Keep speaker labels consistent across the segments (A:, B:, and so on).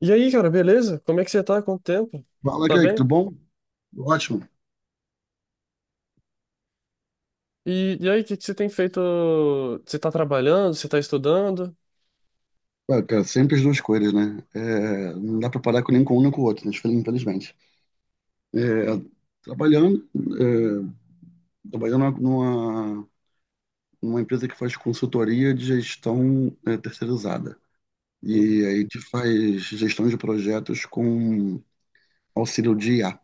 A: E aí, cara, beleza? Como é que você tá? Quanto tempo?
B: Fala,
A: Tá
B: Kaique,
A: bem?
B: tudo bom? Ótimo.
A: E aí, o que você tem feito? Você tá trabalhando? Você tá estudando?
B: Ué, cara, sempre as duas coisas, né? Não dá pra parar com nem com um nem com o outro, né? Infelizmente. É, Trabalhando, é, trabalhando numa empresa que faz consultoria de gestão terceirizada. E
A: Uhum.
B: aí a gente faz gestão de projetos com auxílio de IA,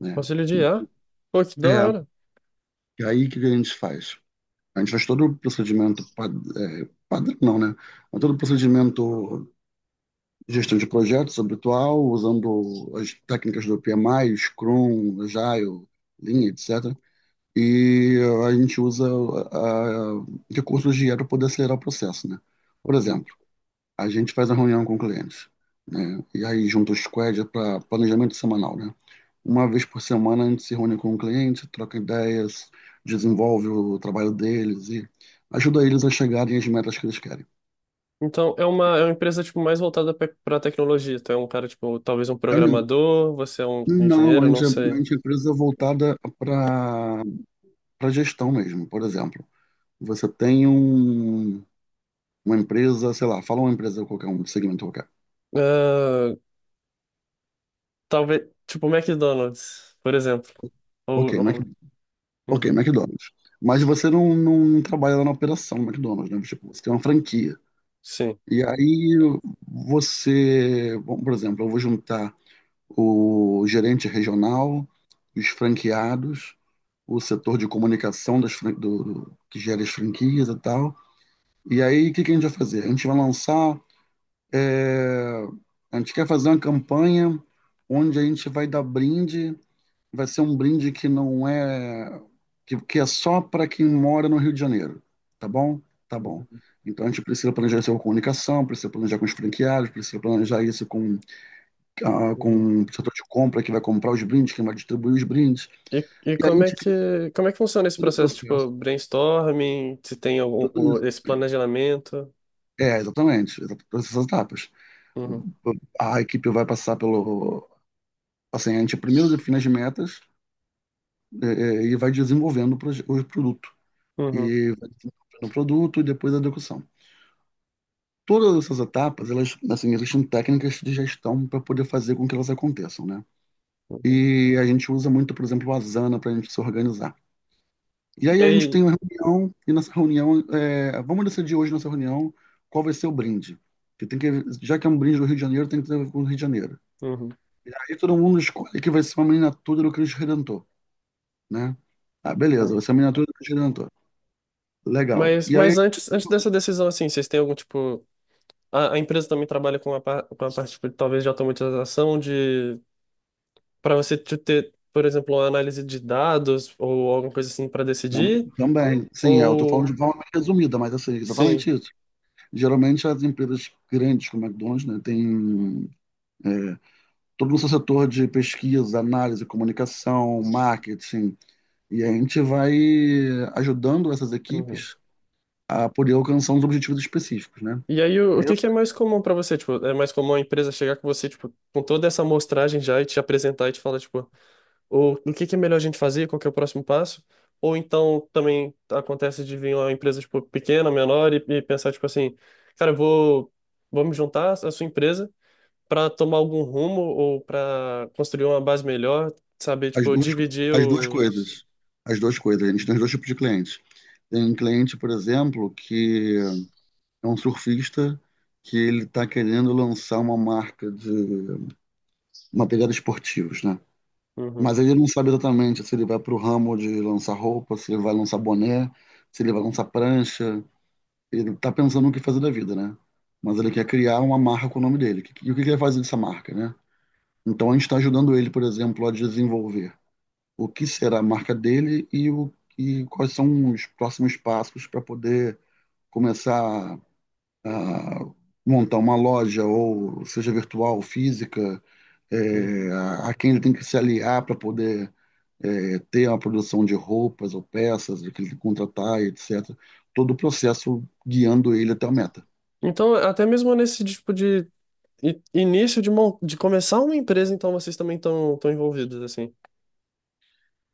B: né?
A: Conselho de IA? Pô, que da
B: É,
A: hora.
B: e aí o que que a gente faz? A gente faz todo o procedimento, padrão não, né? Mas todo o procedimento gestão de projetos habitual, usando as técnicas do PMI, Scrum, Agile, Lean, etc. E a gente usa ah, recursos de IA para poder acelerar o processo, né? Por
A: Uhum.
B: exemplo, a gente faz a reunião com clientes, né? E aí junta o squad para planejamento semanal, né? Uma vez por semana a gente se reúne com o cliente, troca ideias, desenvolve o trabalho deles e ajuda eles a chegarem às metas que eles querem.
A: Então, é uma empresa, tipo, mais voltada pra tecnologia. Então, é um cara, tipo, talvez um
B: É um
A: programador, você é um
B: Não,
A: engenheiro, não sei.
B: a gente é empresa voltada para gestão mesmo, por exemplo. Você tem um, uma empresa, sei lá, fala uma empresa qualquer, um segmento qualquer.
A: Ah, talvez, tipo, McDonald's, por exemplo. Ou,
B: Ok, Mac,
A: ou-
B: ok,
A: uhum.
B: McDonald's. Mas você não trabalha lá na operação McDonald's, né? Tipo, você tem uma franquia.
A: Sim.
B: E aí bom, por exemplo, eu vou juntar o gerente regional, os franqueados, o setor de comunicação das, fran- do, do- que gera as franquias e tal. E aí, o que que a gente vai fazer? A gente vai lançar. É, A gente quer fazer uma campanha onde a gente vai dar brinde. Vai ser um brinde que não é. Que é só para quem mora no Rio de Janeiro. Tá bom? Tá bom. Então a gente precisa planejar isso com comunicação, precisa planejar com os franqueados, precisa planejar isso com
A: Uhum.
B: com o setor de compra que vai comprar os brindes, quem vai distribuir os brindes.
A: E
B: E aí a
A: como é
B: gente cria
A: que funciona esse
B: todo o
A: processo, tipo,
B: processo,
A: brainstorming, se tem algum,
B: tudo isso.
A: esse planejamento?
B: É, exatamente, exatamente, todas essas etapas.
A: Uhum,
B: A equipe vai passar pelo. Assim, a gente primeiro define as metas é, e vai desenvolvendo o o produto.
A: uhum,
B: E vai desenvolvendo o produto e depois a execução. Todas essas etapas, elas, assim, existem técnicas de gestão para poder fazer com que elas aconteçam, né?
A: uhum.
B: E a gente usa muito, por exemplo, o Asana para a gente se organizar. E
A: E
B: aí a gente tem
A: aí,
B: uma reunião, e nessa reunião, vamos decidir hoje nessa reunião qual vai ser o brinde. Que tem que, já que é um brinde do Rio de Janeiro, tem que ter a ver com o Rio de Janeiro.
A: uhum,
B: E aí todo mundo escolhe que vai ser uma miniatura do Cristo Redentor, né? Ah, beleza,
A: é.
B: vai ser uma miniatura do Cristo Redentor. Legal.
A: Mas,
B: E aí,
A: mas antes, antes dessa decisão, assim, vocês têm algum tipo, a empresa também trabalha com a, com a parte, tipo, talvez de automatização, de para você ter, por exemplo, uma análise de dados ou alguma coisa assim para decidir?
B: também, sim, eu tô falando
A: Ou
B: de forma mais resumida, mas assim,
A: sim?
B: exatamente isso. Geralmente as empresas grandes como a McDonald's, né, tem é, todo o seu setor de pesquisa, análise, comunicação, marketing, e a gente vai ajudando essas
A: Uhum.
B: equipes a poder alcançar uns objetivos específicos, né?
A: E aí, o que é mais comum pra você? Tipo, é mais comum a empresa chegar com você, tipo, com toda essa amostragem já e te apresentar e te falar, tipo, o que é melhor a gente fazer, qual que é o próximo passo? Ou então também acontece de vir uma empresa, tipo, pequena, menor e pensar, tipo assim, cara, eu vou, vamos juntar a sua empresa para tomar algum rumo ou para construir uma base melhor, saber,
B: As
A: tipo,
B: duas, co-
A: dividir
B: as duas
A: os...
B: coisas. As duas coisas. A gente tem os dois tipos de clientes. Tem um cliente, por exemplo, que é um surfista que ele está querendo lançar uma marca de uma pegada esportivos, né?
A: Uhum,
B: Mas ele não sabe exatamente se ele vai para o ramo de lançar roupa, se ele vai lançar boné, se ele vai lançar prancha. Ele está pensando no que fazer da vida, né? Mas ele quer criar uma marca com o nome dele. E o que que ele vai fazer dessa marca, né? Então a gente está ajudando ele, por exemplo, a desenvolver o que será a marca dele e quais são os próximos passos para poder começar a montar uma loja, ou seja virtual, física,
A: uhum.
B: a quem ele tem que se aliar para poder ter uma produção de roupas ou peças, o que ele tem que contratar, etc. Todo o processo guiando ele até a meta.
A: Então, até mesmo nesse tipo de início de, de começar uma empresa, então vocês também estão envolvidos, assim.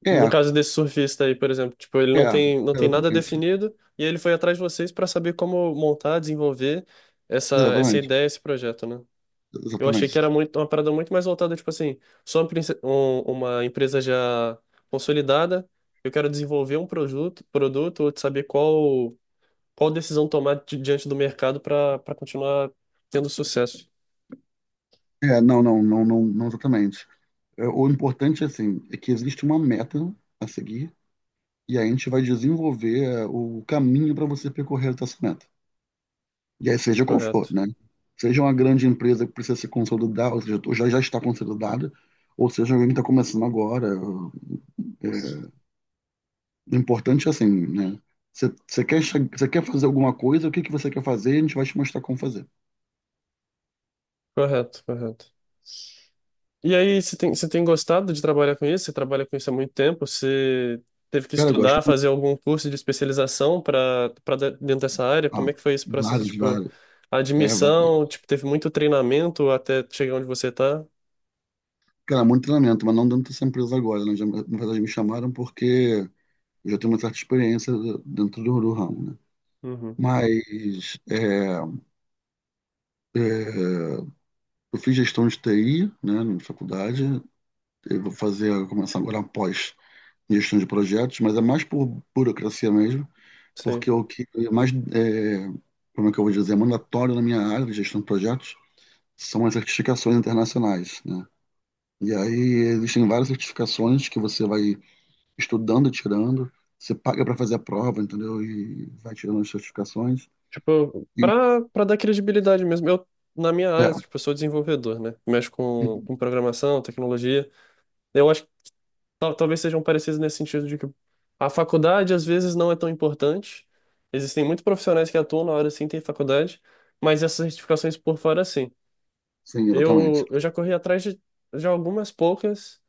A: No
B: É,
A: caso desse surfista aí, por exemplo, tipo, ele
B: é,
A: não tem, não tem nada
B: exatamente,
A: definido e ele foi atrás de vocês para saber como montar, desenvolver essa
B: exatamente,
A: ideia, esse projeto, né? Eu achei que
B: exatamente.
A: era muito, uma parada muito mais voltada, tipo assim, sou uma, uma empresa já consolidada, eu quero desenvolver um produto, produto ou saber qual, qual decisão tomar diante do mercado para continuar tendo sucesso.
B: Não, não, não, não, não exatamente. O importante, assim, é que existe uma meta a seguir e a gente vai desenvolver o caminho para você percorrer essa meta. E aí, seja qual for,
A: Correto.
B: né? Seja uma grande empresa que precisa se consolidar, ou seja, ou já está consolidada, ou seja, alguém que está começando agora. O importante é assim, né? Você você quer fazer alguma coisa, o que que você quer fazer, a gente vai te mostrar como fazer.
A: Correto, correto. E aí, você tem gostado de trabalhar com isso? Você trabalha com isso há muito tempo? Você teve que
B: Cara, eu gosto.
A: estudar, fazer algum curso de especialização para dentro dessa área?
B: Ah,
A: Como é que foi esse processo, tipo,
B: vários.
A: a
B: É, vários.
A: admissão, tipo, teve muito treinamento até chegar onde você tá?
B: Cara, muito treinamento, mas não dentro dessa empresa agora. Né? Já, na verdade, me chamaram porque eu já tenho uma certa experiência dentro do ramo, né?
A: Uhum,
B: Mas é, eu fiz gestão de TI, né, na faculdade. Eu vou começar agora após gestão de projetos, mas é mais por burocracia mesmo, porque
A: sim.
B: é o que é mais, como é que eu vou dizer, é mandatório na minha área de gestão de projetos são as certificações internacionais, né? E aí existem várias certificações que você vai estudando e tirando, você paga para fazer a prova, entendeu? E vai tirando as certificações.
A: Tipo,
B: E,
A: para dar credibilidade mesmo. Eu na minha área,
B: é,
A: tipo, eu sou desenvolvedor, né? Mexo com programação, tecnologia. Eu acho talvez sejam parecidos nesse sentido de que a faculdade às vezes não é tão importante. Existem muitos profissionais que atuam na hora sim, tem faculdade, mas essas certificações por fora sim.
B: Sim, exatamente.
A: Eu já corri atrás de algumas poucas,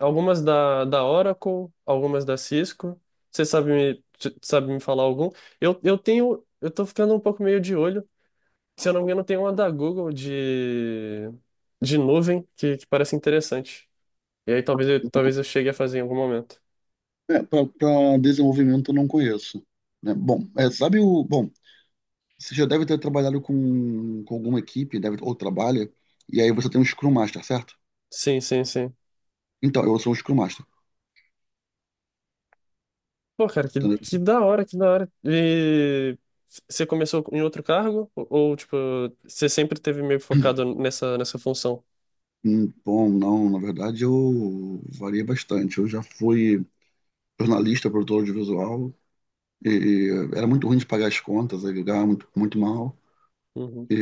A: algumas da, da Oracle, algumas da Cisco. Você sabe me, sabe me falar algum? Eu tenho, eu tô ficando um pouco meio de olho. Se eu não me engano, tem uma da Google de nuvem que parece interessante. E aí talvez eu chegue a fazer em algum momento.
B: É, para desenvolvimento eu não conheço, né? Bom, é, sabe o. Bom, você já deve ter trabalhado com alguma equipe, deve, ou trabalha, e aí você tem um Scrum Master, certo?
A: Sim, sim, sim.
B: Então, eu sou um Scrum Master.
A: Pô, cara,
B: Entendeu?
A: que da hora, que da hora. E você começou em outro cargo? Tipo, você sempre teve meio focado nessa, nessa função?
B: Bom, não, na verdade eu variei bastante. Eu já fui jornalista, produtor audiovisual, e era muito ruim de pagar as contas, aí eu ganhava muito, muito mal.
A: Uhum,
B: E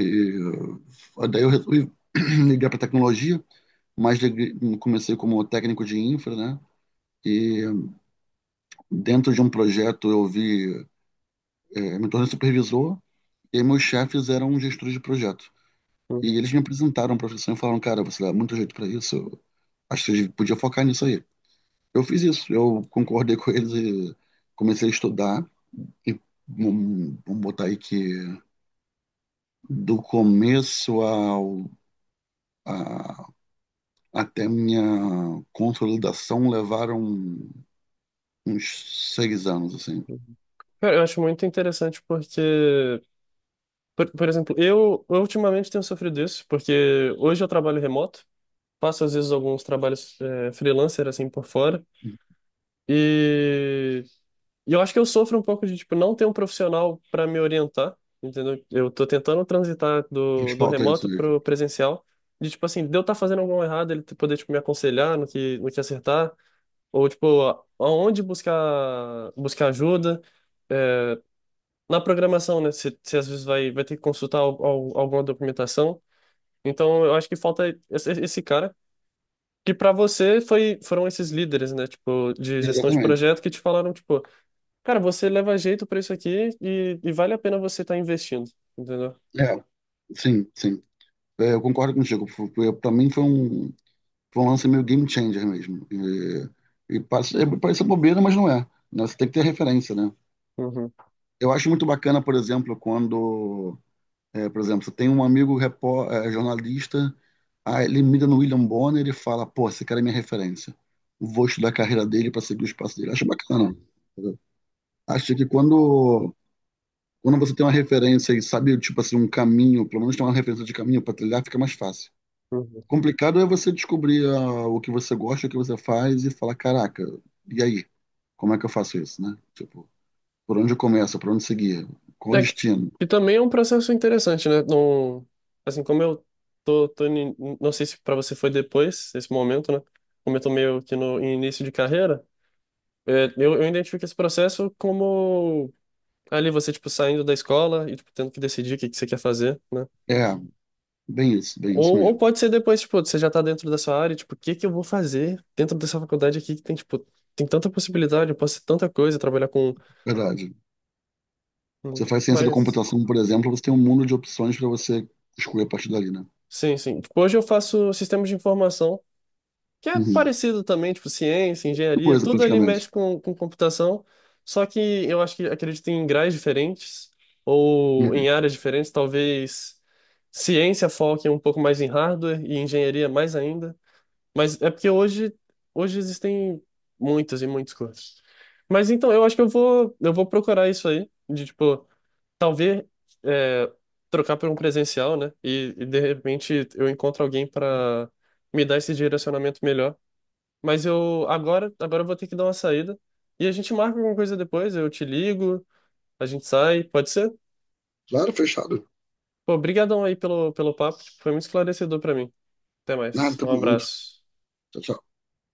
B: daí eu resolvi ligar para tecnologia, mas comecei como técnico de infra, né? E dentro de um projeto me tornei supervisor e meus chefes eram gestores de projeto. E
A: uhum.
B: eles me apresentaram a profissão e falaram, cara, você dá muito jeito para isso, eu acho que você podia focar nisso aí. Eu fiz isso, eu concordei com eles e comecei a estudar. E vamos botar aí que do começo a- até minha consolidação levaram uns seis anos, assim.
A: Cara, eu acho muito interessante porque, por exemplo, eu ultimamente tenho sofrido isso, porque hoje eu trabalho remoto, faço às vezes alguns trabalhos freelancer, assim, por fora, e E eu acho que eu sofro um pouco de, tipo, não ter um profissional para me orientar, entendeu? Eu tô tentando transitar
B: Faz
A: do, do
B: falta isso
A: remoto
B: mesmo.
A: pro presencial, de, tipo, assim, de eu estar fazendo alguma errada ele poder, tipo, me aconselhar no que, no que acertar, ou, tipo, aonde buscar, buscar ajuda. É, na programação, né? Você às vezes vai, vai ter que consultar alguma documentação. Então, eu acho que falta esse, esse cara. Que para você foi, foram esses líderes, né? Tipo, de gestão de
B: Exatamente.
A: projeto que te falaram, tipo, cara, você leva jeito pra isso aqui e vale a pena você estar investindo, entendeu?
B: É, sim, sim. É, eu concordo contigo. Para mim foi um lance meio game changer mesmo. E parece bobeira, mas não é. Né? Você tem que ter referência, né?
A: Uhum,
B: Eu acho muito bacana, por exemplo, por exemplo, você tem um amigo jornalista, aí ele mira no William Bonner e fala, pô, esse cara é minha referência. Vou estudar a carreira dele para seguir os passos dele. Acho bacana, entendeu? Acho que quando você tem uma referência e sabe, tipo assim, um caminho, pelo menos tem uma referência de caminho para trilhar, fica mais fácil.
A: uhum.
B: Complicado é você descobrir ah, o que você gosta, o que você faz e falar, caraca, e aí? Como é que eu faço isso, né? Tipo, por onde eu começo, por onde seguir, qual o
A: É
B: destino?
A: que também é um processo interessante, né? Não, assim, como eu tô, tô ni- não sei se para você foi depois, esse momento, né? Como eu tô meio que no em início de carreira, é, eu identifico esse processo como ali você, tipo, saindo da escola e, tipo, tendo que decidir que você quer fazer, né?
B: É, bem isso
A: Ou
B: mesmo.
A: pode ser depois, tipo, você já tá dentro da sua área, tipo, o que que eu vou fazer dentro dessa faculdade aqui que tem, tipo, tem tanta possibilidade, eu posso ser tanta coisa, trabalhar com...
B: Verdade.
A: com-
B: Você faz ciência da
A: Mas,
B: computação, por exemplo, você tem um mundo de opções para você escolher a partir dali, né?
A: sim, sim. Tipo, hoje eu faço sistemas de informação, que é
B: Uhum.
A: parecido também, tipo, ciência, engenharia,
B: Coisa,
A: tudo ali
B: praticamente.
A: mexe com computação, só que eu acho que, acredito em graus diferentes, ou
B: Uhum.
A: em áreas diferentes, talvez ciência foque um pouco mais em hardware e engenharia mais ainda. Mas é porque hoje, hoje existem muitas e muitos cursos. Mas então, eu acho que eu vou procurar isso aí, de tipo, talvez é, trocar por um presencial, né? De repente eu encontro alguém para me dar esse direcionamento melhor. Mas agora eu vou ter que dar uma saída. E a gente marca alguma coisa depois, eu te ligo, a gente sai, pode ser?
B: Claro, fechado.
A: Pô, brigadão aí pelo, pelo papo, foi muito esclarecedor para mim. Até
B: Nada,
A: mais, um
B: tamo junto.
A: abraço.
B: Tchau, tchau.